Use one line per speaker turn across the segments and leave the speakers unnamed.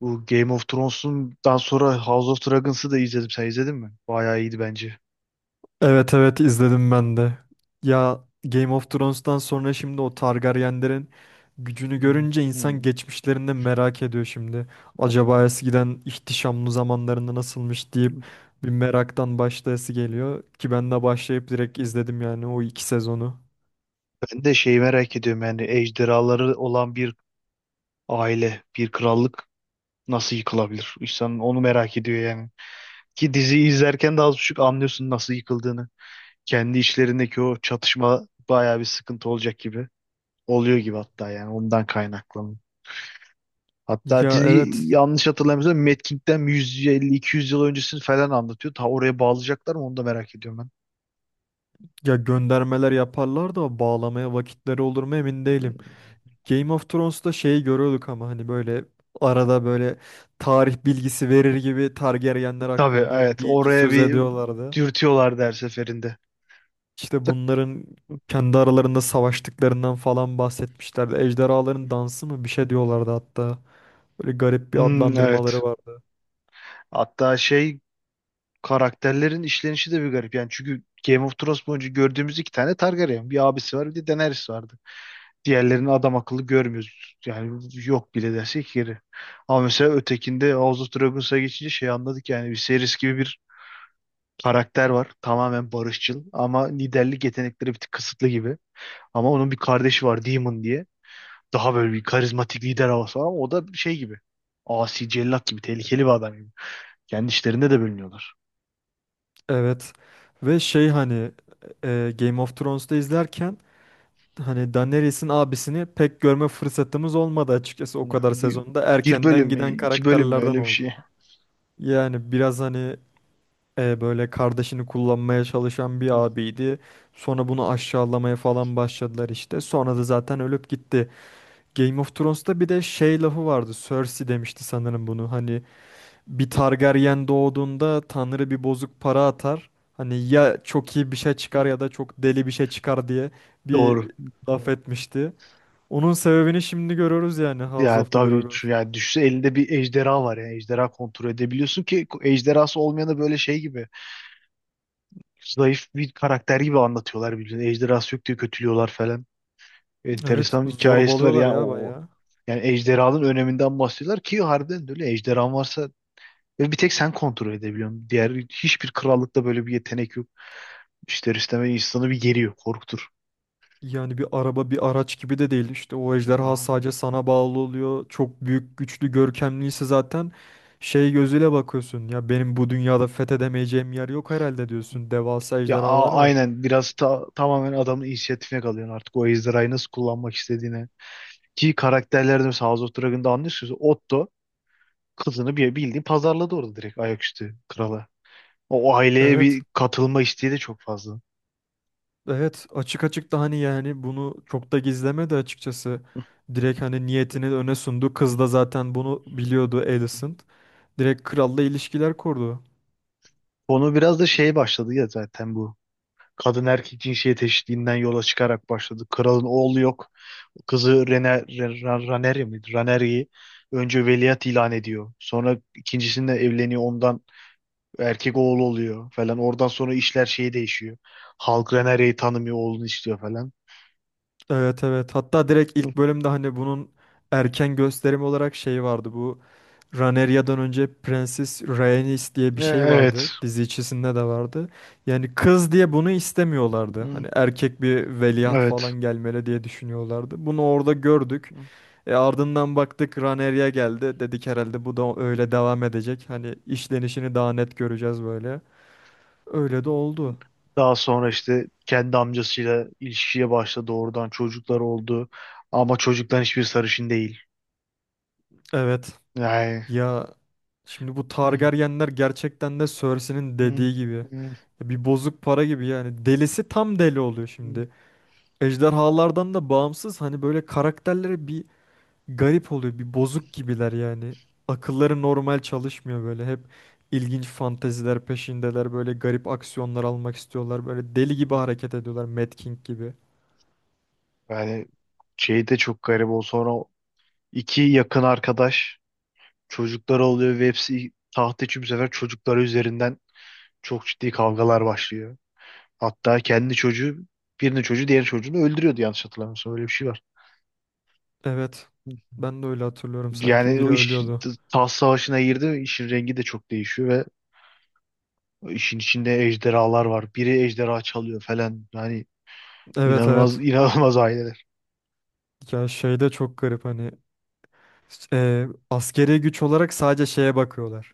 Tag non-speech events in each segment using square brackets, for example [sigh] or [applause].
Bu Game of Thrones'undan sonra House of Dragons'ı da izledim. Sen izledin mi? Bayağı iyiydi bence.
Evet evet izledim ben de. Ya Game of Thrones'tan sonra şimdi o Targaryenlerin gücünü
Hı
görünce
hı. Hı.
insan geçmişlerinde merak ediyor şimdi. Acaba eskiden ihtişamlı zamanlarında nasılmış deyip bir meraktan başlayası geliyor ki ben de başlayıp direkt izledim yani o iki sezonu.
Ben de şeyi merak ediyorum, yani ejderhaları olan bir aile, bir krallık nasıl yıkılabilir? İnsan onu merak ediyor yani. Ki diziyi izlerken de az buçuk anlıyorsun nasıl yıkıldığını. Kendi içlerindeki o çatışma bayağı bir sıkıntı olacak gibi. Oluyor gibi hatta, yani ondan kaynaklı. Hatta
Ya
dizi,
evet
yanlış hatırlamıyorsam, Mad King'den 150-200 yıl öncesini falan anlatıyor. Ta oraya bağlayacaklar mı, onu da merak ediyorum
ya göndermeler yaparlar da bağlamaya vakitleri olur mu emin değilim.
ben.
Game of Thrones'ta şeyi görüyorduk ama hani böyle arada tarih bilgisi verir gibi Targaryenler
Tabii,
hakkında
evet,
bir iki
oraya
söz
bir
ediyorlardı.
dürtüyorlardı her seferinde.
İşte
Tık.
bunların kendi aralarında savaştıklarından falan bahsetmişlerdi. Ejderhaların dansı mı bir şey diyorlardı hatta. Böyle garip bir
Hmm,
adlandırmaları
evet.
vardı.
Hatta karakterlerin işlenişi de bir garip. Yani çünkü Game of Thrones boyunca gördüğümüz iki tane Targaryen. Bir abisi var, bir de Daenerys vardı. Diğerlerini adam akıllı görmüyoruz. Yani yok bile dersek yeri. Ama mesela ötekinde House of Dragons'a geçince anladık, yani bir series gibi bir karakter var. Tamamen barışçıl ama liderlik yetenekleri bir tık kısıtlı gibi. Ama onun bir kardeşi var, Demon diye. Daha böyle bir karizmatik lider havası var ama o da şey gibi. Asi cellat gibi, tehlikeli bir adam gibi. Kendi işlerinde de bölünüyorlar.
Evet. Ve şey hani Game of Thrones'ta izlerken hani Daenerys'in abisini pek görme fırsatımız olmadı açıkçası o
Ya,
kadar
bir,
sezonda.
bir
Erkenden
bölüm mü,
giden
iki bölüm mü,
karakterlerden
öyle bir şey.
oldu. Yani biraz hani böyle kardeşini kullanmaya çalışan bir
Hı,
abiydi. Sonra bunu aşağılamaya falan başladılar işte. Sonra da zaten ölüp gitti. Game of Thrones'ta bir de şey lafı vardı. Cersei demişti sanırım bunu. Hani bir Targaryen doğduğunda Tanrı bir bozuk para atar. Hani ya çok iyi bir şey
hı.
çıkar ya da çok deli bir şey çıkar diye bir
Doğru.
laf etmişti. Onun sebebini şimdi görüyoruz yani House
Ya
of the
tabii
Dragons.
şu, yani düşse elinde bir ejderha var, yani ejderha kontrol edebiliyorsun, ki ejderhası olmayanı böyle şey gibi, zayıf bir karakter gibi anlatıyorlar birbirine. Ejderhası yok diye kötülüyorlar falan.
Evet
Enteresan bir hikayesi var.
zorbalıyorlar
Yani
ya bayağı.
yani ejderhanın öneminden bahsediyorlar, ki harbiden de öyle, ejderhan varsa ve bir tek sen kontrol edebiliyorsun. Diğer hiçbir krallıkta böyle bir yetenek yok. İster istemez insanı bir geriyor, korkutur.
Yani bir araba bir araç gibi de değil. İşte o ejderha
Ya
sadece sana bağlı oluyor. Çok büyük, güçlü, görkemliyse zaten şey gözüyle bakıyorsun. Ya benim bu dünyada fethedemeyeceğim yer yok herhalde diyorsun. Devasa ejderhalar var.
aynen, biraz tamamen adamın inisiyatifine kalıyorsun artık, o ejderhayı nasıl kullanmak istediğine. Ki karakterlerde mesela House of Dragon'da anlıyorsunuz, Otto kızını bir bildiğin pazarladı orada, direkt ayaküstü krala. O aileye
Evet.
bir katılma isteği de çok fazla.
Evet. Açık açık da hani yani bunu çok da gizlemedi açıkçası. Direkt hani niyetini öne sundu. Kız
[laughs]
da zaten bunu biliyordu Alicent. Direkt kralla ilişkiler kurdu.
Konu biraz da başladı ya zaten bu. Kadın erkek cinsiyet eşitliğinden yola çıkarak başladı. Kralın oğlu yok. Kızı Raneri mi? Raneri'yi önce veliaht ilan ediyor. Sonra ikincisinde evleniyor, ondan erkek oğlu oluyor falan. Oradan sonra işler değişiyor. Halk Raneri'yi tanımıyor, oğlunu istiyor falan.
Evet evet. Hatta direkt ilk bölümde hani bunun erken gösterim olarak şey vardı bu. Raneria'dan önce Prenses Rhaenys diye bir
E,
şey
Evet.
vardı. Dizi içerisinde de vardı. Yani kız diye bunu istemiyorlardı.
Hı,
Hani erkek bir veliaht falan
evet.
gelmeli diye düşünüyorlardı. Bunu orada gördük. E ardından baktık Rhaenyra geldi. Dedik herhalde bu da öyle devam edecek. Hani işlenişini daha net göreceğiz böyle. Öyle de oldu.
Daha sonra işte kendi amcasıyla ilişkiye başladı. Oradan çocuklar oldu. Ama çocukların hiçbir sarışın değil.
Evet.
Yani
Ya şimdi bu
[laughs]
Targaryenler gerçekten de Cersei'nin
Hmm,
dediği gibi.
hmm,
Ya bir bozuk para gibi yani. Delisi tam deli oluyor
hmm.
şimdi. Ejderhalardan da bağımsız hani böyle karakterleri bir garip oluyor. Bir bozuk gibiler yani. Akılları normal çalışmıyor böyle. Hep ilginç fanteziler peşindeler. Böyle garip aksiyonlar almak istiyorlar. Böyle deli gibi hareket ediyorlar. Mad King gibi.
Yani şey de çok garip, o sonra o iki yakın arkadaş çocuklar oluyor ve hepsi taht için bu sefer çocukları üzerinden çok ciddi kavgalar başlıyor. Hatta kendi çocuğu, birinin çocuğu diğer çocuğunu öldürüyordu yanlış hatırlamıyorsam, öyle bir şey var.
Evet. Ben de öyle hatırlıyorum. Sanki
Yani
biri
o iş
ölüyordu.
taht savaşına girdi, işin rengi de çok değişiyor ve işin içinde ejderhalar var. Biri ejderha çalıyor falan. Yani
Evet
inanılmaz,
evet.
inanılmaz aileler.
Ya şey de çok garip hani. Askeri güç olarak sadece şeye bakıyorlar.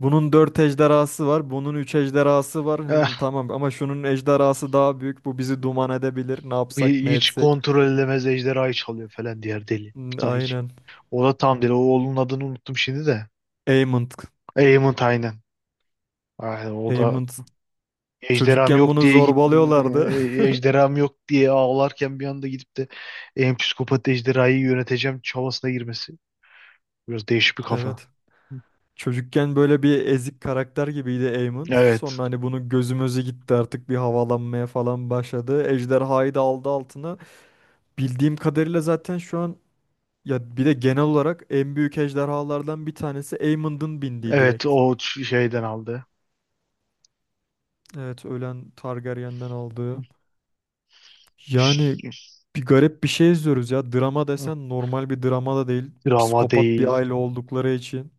Bunun 4 ejderhası var, bunun 3 ejderhası var.
[laughs]
Tamam ama şunun ejderhası daha büyük. Bu bizi duman edebilir. Ne yapsak, ne
Hiç
etsek.
kontrol edemez, ejderhayı çalıyor falan diğer deli.
Hmm,
Ta hiç.
aynen.
O da tam deli. O oğlunun adını unuttum şimdi de.
Aemond.
Aemond, aynen. Aynen o da
Aemond.
ejderham
Çocukken
yok
bunu
diye
zorbalıyorlardı. [laughs]
ağlarken bir anda gidip de en psikopat ejderhayı yöneteceğim çabasına girmesi. Biraz değişik bir kafa.
Evet. Çocukken böyle bir ezik karakter gibiydi Aemond.
Evet.
Sonra hani bunu gözümüzü gitti artık bir havalanmaya falan başladı. Ejderhayı da aldı altına. Bildiğim kadarıyla zaten şu an ya bir de genel olarak en büyük ejderhalardan bir tanesi Aemond'un bindiği
Evet,
direkt.
o şeyden aldı.
Evet ölen Targaryen'den aldığı. Yani
Ş-
bir garip bir şey izliyoruz ya. Drama desen normal bir drama da değil.
Drama
Psikopat bir
değil.
aile oldukları için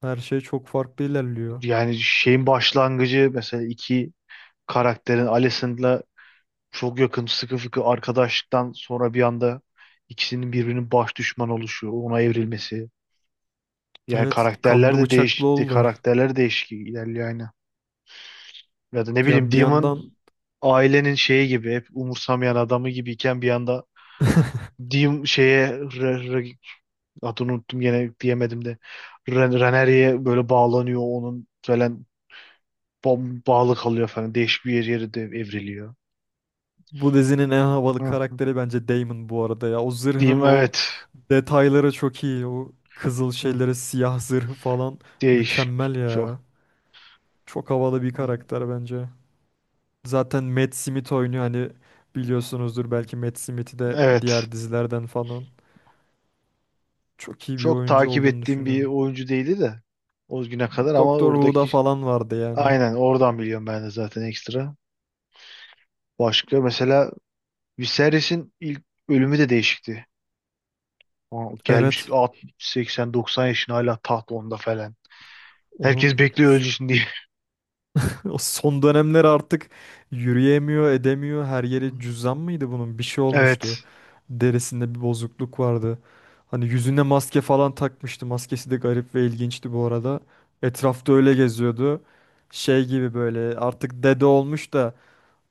her şey çok farklı ilerliyor.
Yani şeyin başlangıcı, mesela iki karakterin, Alicent'la çok yakın sıkı fıkı arkadaşlıktan sonra bir anda ikisinin birbirinin baş düşman oluşu, ona evrilmesi. Yani
Evet
karakterler
kanlı
de
bıçaklı
değişti,
oldular.
karakterler değişik ilerliyor aynı. Ya da ne bileyim,
Ya bir
Demon
yandan
ailenin şeyi gibi, hep umursamayan adamı gibiyken bir anda
[laughs]
Dim şeye re, re- adını unuttum gene, diyemedim de, Reneri'ye böyle bağlanıyor onun falan, bağlı kalıyor falan, değişik bir yeri de evriliyor.
bu dizinin en
Hı,
havalı
hı.
karakteri bence Daemon bu arada ya. O zırhının o
Evet.
detayları çok iyi. O kızıl
Hı,
şeyleri, siyah zırhı falan
değişik
mükemmel ya.
çok.
Çok havalı bir
Hı, hı.
karakter bence. Zaten Matt Smith oynuyor hani biliyorsunuzdur belki Matt Smith'i de
Evet.
diğer dizilerden falan. Çok iyi bir
Çok
oyuncu
takip
olduğunu
ettiğim bir
düşünüyorum.
oyuncu değildi de o güne kadar, ama
Doktor Who'da
oradaki,
falan vardı yani.
aynen oradan biliyorum ben de zaten ekstra. Başka, mesela Viserys'in ilk ölümü de değişikti. O gelmiş
Evet.
80-90 yaşına, hala taht onda falan. Herkes
Onun
bekliyor ölsün diye. [laughs]
[laughs] o son dönemler artık yürüyemiyor, edemiyor. Her yeri
Hmm.
cüzdan mıydı bunun? Bir şey
Evet.
olmuştu. Derisinde bir bozukluk vardı. Hani yüzüne maske falan takmıştı. Maskesi de garip ve ilginçti bu arada. Etrafta öyle geziyordu şey gibi böyle artık dede olmuş da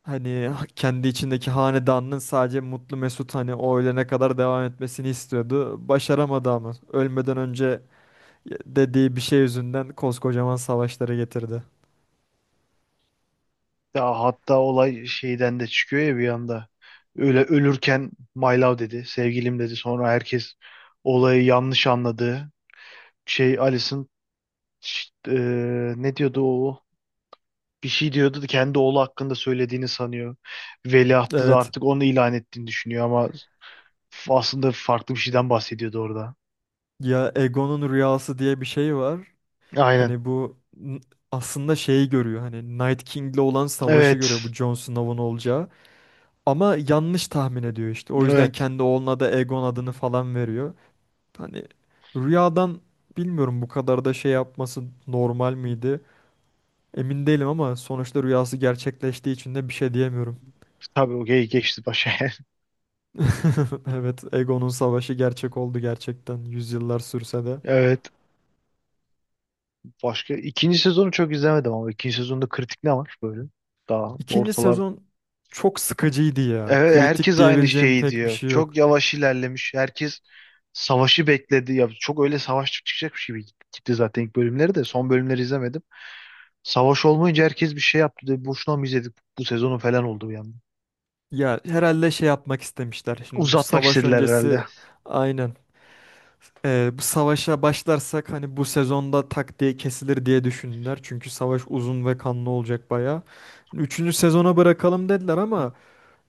hani kendi içindeki hanedanının sadece mutlu mesut hani o ölene kadar devam etmesini istiyordu. Başaramadı ama ölmeden önce dediği bir şey yüzünden koskocaman savaşları getirdi.
Ya hatta olay şeyden de çıkıyor ya bir anda. Öyle ölürken "my love" dedi, "sevgilim" dedi. Sonra herkes olayı yanlış anladı. Alison. Ne diyordu o? Bir şey diyordu da kendi oğlu hakkında söylediğini sanıyor. Veliahtı da
Evet
artık onu ilan ettiğini düşünüyor ama aslında farklı bir şeyden bahsediyordu orada.
ya Egon'un rüyası diye bir şey var.
Aynen.
Hani aslında şeyi görüyor hani Night King'le olan savaşı görüyor
Evet.
bu Jon Snow'un olacağı. Ama yanlış tahmin ediyor işte. O yüzden
Evet.
kendi oğluna da Egon adını falan veriyor. Hani rüyadan bilmiyorum bu kadar da şey yapması normal miydi? Emin değilim ama sonuçta rüyası gerçekleştiği için de bir şey diyemiyorum.
Tabii, okey geçti başa. [laughs]
[laughs] Evet, Egon'un savaşı gerçek oldu gerçekten yüzyıllar sürse de.
Evet. Başka, ikinci sezonu çok izlemedim ama ikinci sezonda kritik ne var böyle? Daha.
İkinci sezon çok sıkıcıydı ya.
Evet,
Kritik
herkes aynı
diyebileceğim
şeyi
pek bir
diyor.
şey
Çok
yok.
yavaş ilerlemiş. Herkes savaşı bekledi. Ya çok öyle savaş çıkacakmış gibi gitti gitti zaten ilk bölümleri de. Son bölümleri izlemedim. Savaş olmayınca herkes bir şey yaptı. Dedi, boşuna mı izledik bu sezonu falan oldu bir anda.
Ya herhalde şey yapmak istemişler şimdi bu
Uzatmak
savaş
istediler herhalde.
öncesi aynen. Bu savaşa başlarsak hani bu sezonda tak diye kesilir diye düşündüler. Çünkü savaş uzun ve kanlı olacak bayağı. Hani üçüncü sezona bırakalım dediler ama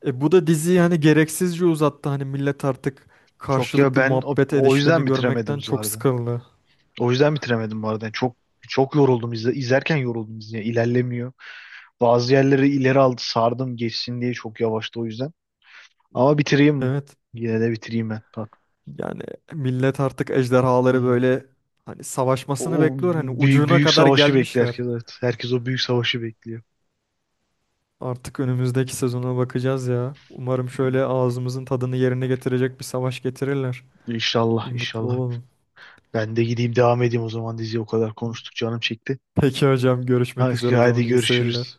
bu da diziyi hani gereksizce uzattı. Hani millet artık
Çok ya,
karşılıklı
ben o,
muhabbet
o yüzden
edişlerini
bitiremedim
görmekten
bu
çok
arada.
sıkıldı.
O yüzden bitiremedim bu arada. Yani çok çok yoruldum, izlerken yoruldum, ilerlemiyor. Bazı yerleri ileri aldı sardım geçsin diye, çok yavaştı o yüzden. Ama bitireyim.
Evet.
Yine de bitireyim ben.
Yani millet artık ejderhaları
Bak.
böyle hani savaşmasını
O
bekliyor. Hani
büyük,
ucuna
büyük
kadar
savaşı bekliyor
gelmişler.
herkes. Evet. Herkes o büyük savaşı bekliyor.
Artık önümüzdeki sezona bakacağız ya. Umarım şöyle ağzımızın tadını yerine getirecek bir savaş getirirler. Bir
İnşallah,
mutlu
inşallah.
olalım.
Ben de gideyim, devam edeyim o zaman diziyi, o kadar konuştuk canım çekti.
Peki hocam görüşmek
Hadi,
üzere o
hadi
zaman iyi seyirler.
görüşürüz.